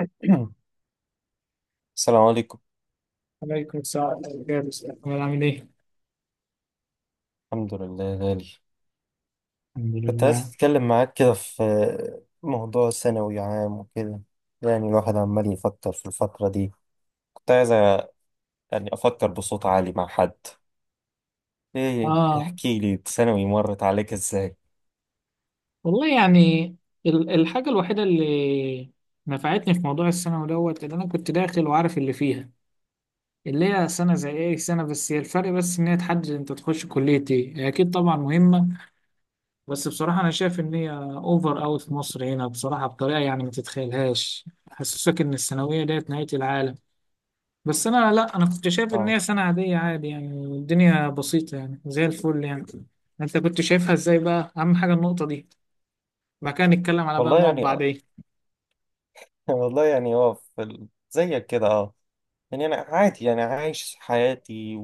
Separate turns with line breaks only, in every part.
السلام عليكم.
عليكم السلام ورحمة الله وبركاته. أحمد عامل إيه؟
الحمد لله يا غالي.
الحمد
كنت عايز
لله.
أتكلم معاك كده في موضوع ثانوي عام وكده، يعني الواحد عمال يفكر في الفترة دي. كنت عايز يعني أفكر بصوت عالي مع حد. إيه،
آه،
احكي لي ثانوي مرت عليك إزاي؟
والله يعني الحاجة الوحيدة اللي نفعتني في موضوع الثانوي دوت إن أنا كنت داخل وعارف اللي فيها، اللي هي سنة زي أي سنة. بس هي الفرق بس إن هي تحدد أنت تخش كلية إيه. هي أكيد طبعا مهمة، بس بصراحة أنا شايف إن هي أوفر أوي في مصر هنا بصراحة بطريقة يعني ما تتخيلهاش. حسسك إن الثانوية ديت نهاية العالم. بس انا، لا، انا كنت شايف ان
آه،
هي سنة عادية عادي يعني الدنيا بسيطة يعني زي الفل يعني. انت كنت شايفها ازاي بقى؟ اهم حاجة النقطة دي، بعد كده نتكلم على بقى
والله
النقط
يعني
بعدين.
والله يعني هو في زيك كده. يعني أنا عادي، أنا عايش حياتي،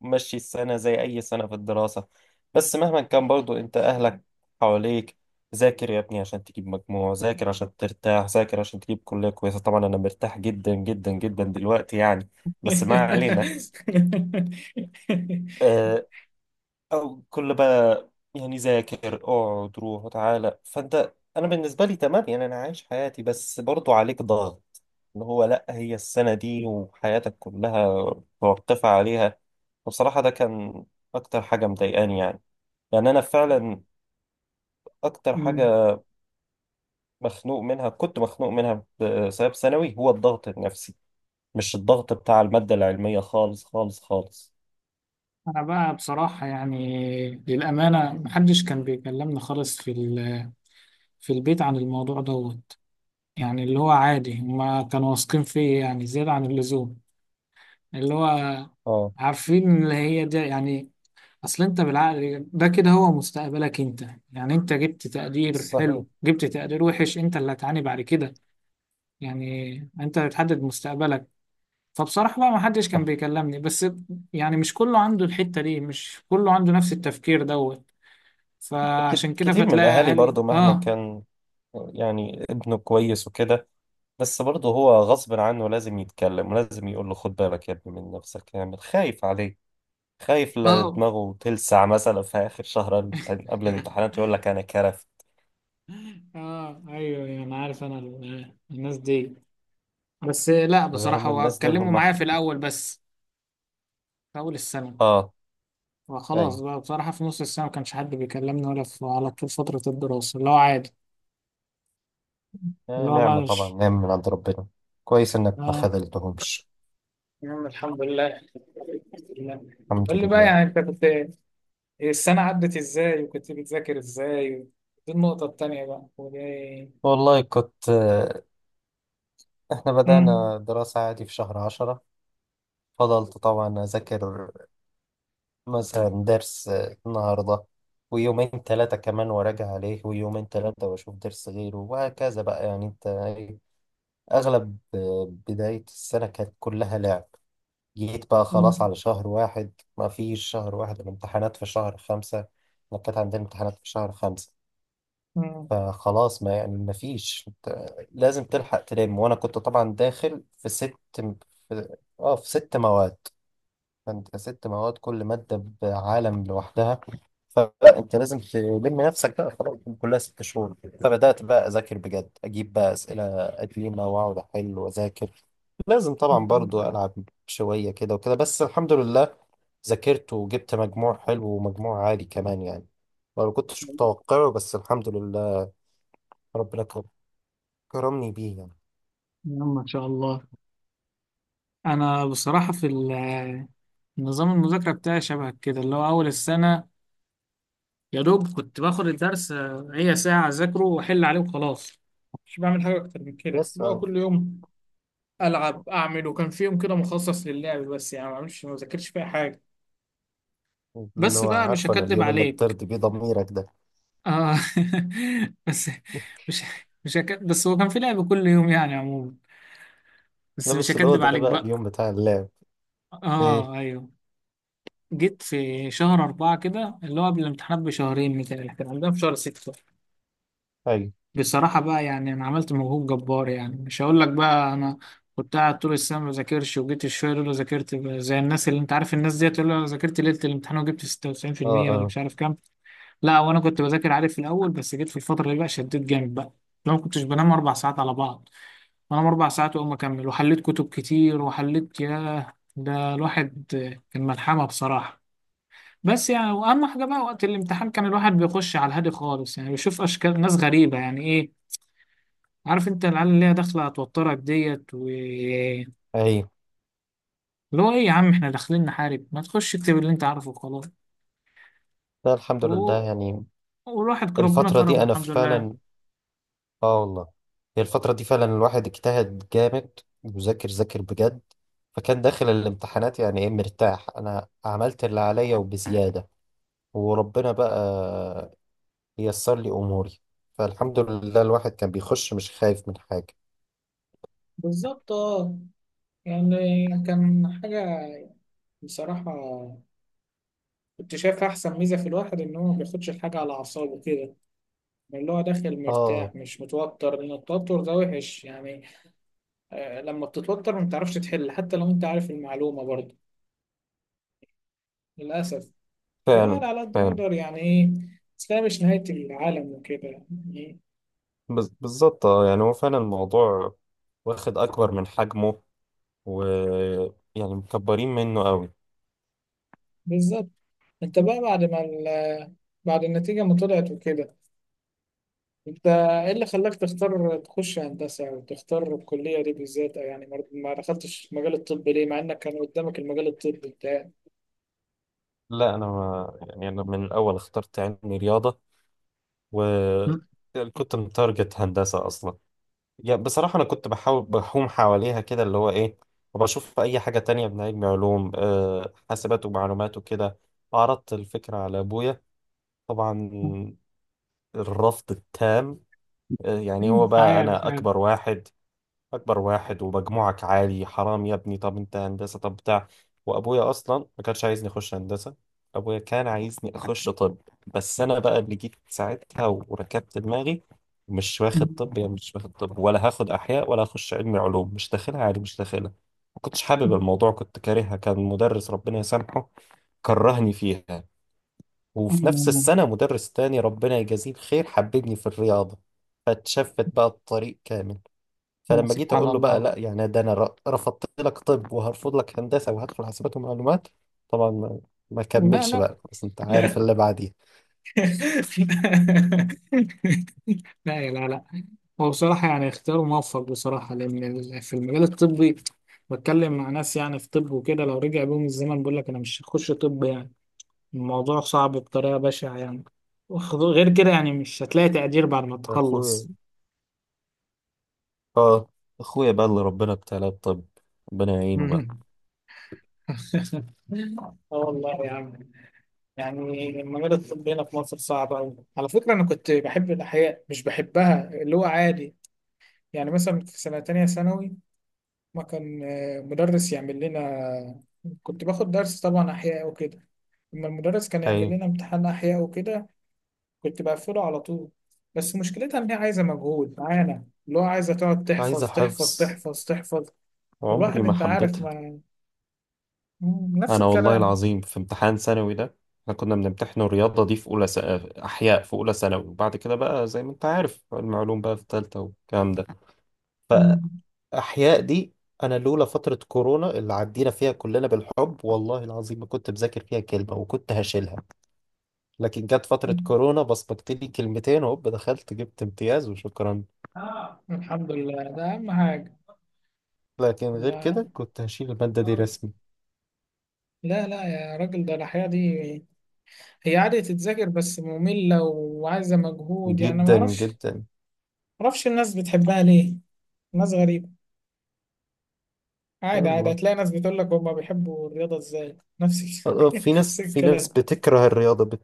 ومشي السنة زي أي سنة في الدراسة. بس مهما كان برضو أنت أهلك حواليك، ذاكر يا ابني عشان تجيب مجموع، ذاكر عشان ترتاح، ذاكر عشان تجيب كلية كويسة. طبعا أنا مرتاح جدا جدا جدا دلوقتي يعني، بس ما علينا. آه، أو كل بقى، يعني ذاكر اقعد روح وتعالى. فانت انا بالنسبه لي تمام، يعني انا عايش حياتي، بس برضو عليك ضغط، اللي هو لا، هي السنه دي وحياتك كلها مرتفع عليها. بصراحه ده كان اكتر حاجه مضايقاني يعني. يعني انا فعلا اكتر
أمم.
حاجه مخنوق منها، كنت مخنوق منها بسبب ثانوي. هو الضغط النفسي، مش الضغط بتاع الماده العلميه، خالص خالص خالص.
انا بقى بصراحة يعني للأمانة محدش كان بيكلمنا خالص في في البيت عن الموضوع دوت. يعني اللي هو عادي هما كانوا واثقين فيا يعني زيادة عن اللزوم، اللي هو
اه،
عارفين اللي هي دي يعني. اصل انت بالعقل ده كده هو مستقبلك انت. يعني انت جبت تقدير
صحيح.
حلو جبت تقدير وحش انت اللي هتعاني بعد كده. يعني انت اللي بتحدد مستقبلك، فبصراحة بقى ما حدش كان
صح.
بيكلمني. بس يعني مش كله عنده الحتة دي، مش كله عنده نفس التفكير دوت، فعشان كده
كتير من
فتلاقي
الأهالي
اهالي.
برضو مهما
اه،
كان، يعني ابنه كويس وكده، بس برضه هو غصب عنه لازم يتكلم، ولازم يقول له: خد بالك يا ابني من نفسك. يعني خايف عليه، خايف لا
اه.
دماغه تلسع مثلا في آخر شهر قبل الامتحانات يقول لك أنا كرف.
اه، ايوه، ايوه، انا عارف انا الناس دي. بس لا، بصراحة
هم
هو
الناس دول
اتكلموا
هم
معايا
إحنا.
في الاول بس في اول السنة،
آه.
فخلاص
أيوة.
بقى بصراحة في نص السنة ما كانش حد بيكلمني ولا في على طول فترة الدراسة اللي هو عادي.
آه،
اللي هو بقى
نعمة طبعا،
مش...
نعمة من عند ربنا. كويس إنك ما
اه،
خذلتهمش.
الحمد لله. الحمد لله. قول
الحمد
لي بقى
لله.
يعني انت كنت السنة عدت ازاي وكنت بتذاكر ازاي؟ دي النقطة التانية بقى ودي.
والله كنت إحنا
مم.
بدأنا دراسة عادي في شهر 10. فضلت طبعا أذاكر، مثلا درس النهاردة، ويومين ثلاثة كمان وراجع عليه، ويومين ثلاثة وأشوف درس غيره، وهكذا بقى. يعني أنت إيه، أغلب بداية السنة كانت كلها لعب. جيت بقى خلاص
مم.
على شهر واحد، ما فيش شهر واحد، الامتحانات في شهر 5. إحنا كانت عندنا امتحانات في شهر 5،
مم.
فخلاص، ما يعني ما فيش، أنت لازم تلحق تلم. وأنا كنت طبعا داخل في ست في 6 مواد. فأنت 6 مواد كل مادة بعالم لوحدها، فلا انت لازم تلم نفسك بقى. خلاص كلها 6 شهور. فبدات بقى اذاكر بجد، اجيب بقى اسئله قديمه واقعد احل واذاكر. لازم طبعا برضو العب شويه كده وكده، بس الحمد لله، ذاكرت وجبت مجموع حلو، ومجموع عالي كمان يعني، ما كنتش متوقعه، بس الحمد لله ربنا كرمني بيه يعني.
يلا ان شاء الله. انا بصراحة في نظام المذاكرة بتاعي شبه كده. اللي هو اول السنة يا دوب كنت باخد الدرس، هي ساعة أذاكره وأحل عليه وخلاص. مش بعمل حاجة أكتر من كده
بس
بقى كل يوم ألعب أعمل، وكان في يوم كده مخصص للعب بس يعني ما بعملش ما بذاكرش فيها حاجة.
اللي
بس
هو
بقى مش
عارفه انا
هكدب
اليوم اللي
عليك.
بترضي بيه ضميرك ده.
آه. بس مش هكدب، بس هو كان في لعب كل يوم يعني عموما. بس
لا
مش
بس اللي هو
هكدب
ده
عليك
بقى
بقى.
اليوم بتاع اللعب.
آه،
ايه؟
أيوه. جيت في شهر أربعة كده، اللي هو قبل الامتحانات بشهرين، مثلا كان عندنا في شهر ستة.
ايوه.
بصراحة بقى يعني أنا عملت مجهود جبار. يعني مش هقول لك بقى أنا كنت قاعد طول السنة ما بذاكرش وجيت الشوية دول ذاكرت زي الناس اللي أنت عارف الناس ديت اللي أنا ذاكرت ليلة الامتحان وجبت
اه.
96% ولا
اه.
مش عارف كام. لا، وأنا كنت بذاكر عادي في الأول بس جيت في الفترة اللي بقى شديت جامد بقى. لو ما كنتش بنام أربع ساعات على بعض، بنام أربع ساعات وأقوم أكمل، وحليت كتب كتير وحليت، ياه ده الواحد كان ملحمة بصراحة. بس يعني واهم حاجه بقى وقت الامتحان كان الواحد بيخش على الهادي خالص. يعني بيشوف اشكال ناس غريبه يعني إيه، عارف انت العيال اللي هي داخله هتوترك ديت و اللي
ايوه.
هو ايه. يا عم احنا داخلين نحارب؟ ما تخش اكتب اللي انت عارفه وخلاص.
لا، الحمد
و...
لله يعني.
والواحد ربنا
الفترة دي
كرمه
أنا
الحمد لله.
فعلا، آه والله، هي الفترة دي فعلا الواحد اجتهد جامد، وذاكر ذاكر بجد، فكان داخل الامتحانات يعني إيه مرتاح، أنا عملت اللي عليا وبزيادة، وربنا بقى ييسر لي أموري. فالحمد لله الواحد كان بيخش مش خايف من حاجة.
بالظبط، اه. يعني كان حاجة بصراحة كنت شايف أحسن ميزة في الواحد إن هو ما بياخدش الحاجة على أعصابه كده. اللي هو داخل
آه.
مرتاح مش متوتر، لأن التوتر ده وحش يعني. آه، لما بتتوتر ما بتعرفش تحل حتى لو أنت عارف المعلومة برضه، للأسف.
فعلا.
الواحد على قد ما
فعلا.
يقدر يعني ايه، بس هي مش نهاية العالم وكده يعني.
بالظبط. آه، يعني هو فعلا الموضوع واخد أكبر من حجمه، ويعني مكبرين منه قوي.
بالظبط. انت بقى بعد ما بعد النتيجة ما طلعت وكده، انت ايه اللي خلاك تختار تخش هندسة او تختار الكلية دي بالذات؟ او يعني ما دخلتش مجال الطب ليه مع انك كان قدامك المجال الطبي بتاعك؟
لا، أنا ما يعني، أنا من الأول اخترت علمي رياضة. و يعني كنت متارجت هندسة أصلا، يعني بصراحة أنا كنت بحاول بحوم حواليها كده اللي هو إيه، وبشوف أي حاجة تانية من علم علوم، حاسبات ومعلومات وكده. عرضت الفكرة على أبويا، طبعا الرفض التام. آه، يعني هو بقى
عارف
أنا
عارف.
أكبر واحد، اكبر واحد ومجموعك عالي، حرام يا ابني، طب انت هندسه، طب بتاع. وابويا اصلا ما كانش عايزني اخش هندسه، ابويا كان عايزني اخش طب. بس انا بقى اللي جيت ساعتها وركبت دماغي، مش واخد طب. يعني مش واخد طب، ولا هاخد احياء، ولا هخش علمي علوم، مش داخلها عادي، مش داخلها. ما كنتش حابب الموضوع، كنت كارهها. كان مدرس ربنا يسامحه كرهني فيها، وفي نفس السنه مدرس تاني ربنا يجازيه الخير حببني في الرياضه، فاتشفت بقى الطريق كامل. فلما جيت
سبحان
اقول له بقى
الله.
لا، يعني ده انا رفضت لك طب، وهرفض لك هندسه، وهدخل حاسبات ومعلومات. طبعا ما
لا
كملش
لا.
بقى، بس انت عارف اللي بعديها.
لا يا، لا لا. هو بصراحة يعني اختيار موفق بصراحة، لأن في المجال الطبي بتكلم مع ناس يعني في طب وكده لو رجع بيهم الزمن بيقول لك أنا مش هخش طب يعني. الموضوع صعب بطريقة بشعة يعني. غير كده يعني مش هتلاقي تقدير بعد ما
اخويا،
تخلص.
اه، اخويا بقى اللي ربنا ابتلاه بطب، ربنا يعينه بقى.
مم. اه والله يا عم. يعني المجال الطبي هنا في مصر صعب أوي. على فكرة أنا كنت بحب الأحياء مش بحبها اللي هو عادي. يعني مثلا في سنة تانية ثانوي ما كان مدرس يعمل لنا. كنت باخد درس طبعا أحياء وكده، لما المدرس كان يعمل
ايوه.
لنا امتحان أحياء وكده كنت بقفله على طول. بس مشكلتها إن هي عايزة مجهود معانا اللي هو عايزة تقعد
عايزة
تحفظ تحفظ
حفظ،
تحفظ تحفظ.
عمري
والواحد
ما
أنت عارف
حبيتها.
ما... نفس
انا والله
الكلام.
العظيم في امتحان ثانوي ده، احنا كنا بنمتحن الرياضه دي في اولى احياء في اولى ثانوي، وبعد كده بقى زي ما انت عارف المعلوم بقى في ثالثه والكلام ده.
مم.
فاحياء دي انا لولا فتره كورونا اللي عدينا فيها كلنا بالحب، والله العظيم ما كنت بذاكر فيها كلمه وكنت هشيلها. لكن جت فتره كورونا بصمجت لي كلمتين وهوب دخلت، جبت امتياز وشكرا.
آه. الحمد لله ده أهم حاجة.
لكن غير
لا،
كده كنت هشيل الماده دي رسمي.
لا لا يا راجل، ده الأحياء دي هي عادة تتذاكر بس مملة وعايزة مجهود. يعني ما
جدا
أعرفش،
جدا.
معرفش الناس بتحبها ليه، ناس غريبة. عادي، عادي
يلا.
هتلاقي ناس بتقول لك هما بيحبوا الرياضة ازاي. نفس
آه، في ناس،
نفس
في ناس
الكلام.
بتكره الرياضة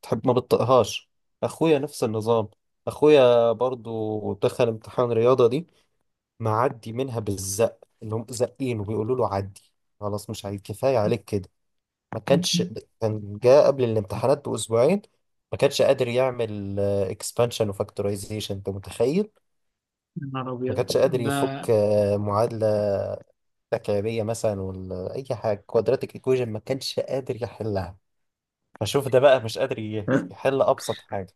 بتحب، ما بتطقهاش. اخويا نفس النظام، اخويا برضو دخل امتحان رياضة دي، معدي منها بالزق. اللي هم زقين وبيقولوا له: عدي خلاص، مش عايز، كفاية عليك كده. ما
يا
كانش، كان جاء قبل الامتحانات بأسبوعين، ما كانش قادر يعمل اكسبانشن وفاكتورايزيشن، انت متخيل.
نهار
ما
أبيض
كانش قادر
ده.
يفك معادلة تكعيبية مثلا، ولا أي حاجة، كوادراتيك ايكويجن ما كانش قادر يحلها. فشوف ده بقى مش قادر يحل ابسط حاجه.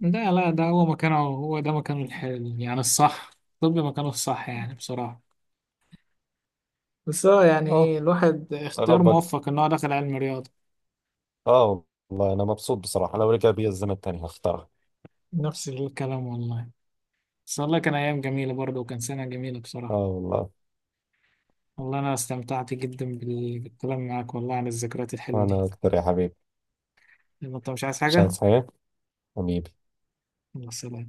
لا لا، ده هو مكانه، هو ده مكانه الحلو يعني الصح. طب مكانه الصح يعني بصراحة. بس هو يعني
اهو،
إيه، الواحد اختيار
ربك.
موفق إن هو دخل علم رياضة.
اه، والله انا مبسوط بصراحه، لو رجع بيا الزمن تاني هختارها.
نفس الكلام والله. بس والله كان أيام جميلة برضه وكان سنة جميلة
اه
بصراحة.
والله.
والله أنا استمتعت جدا بالكلام معاك والله عن الذكريات الحلوة دي.
انا اكتر يا حبيبي.
يلا، أنت مش عايز
مش
حاجة؟
عايز حاجه، حبيبي.
يلا سلام.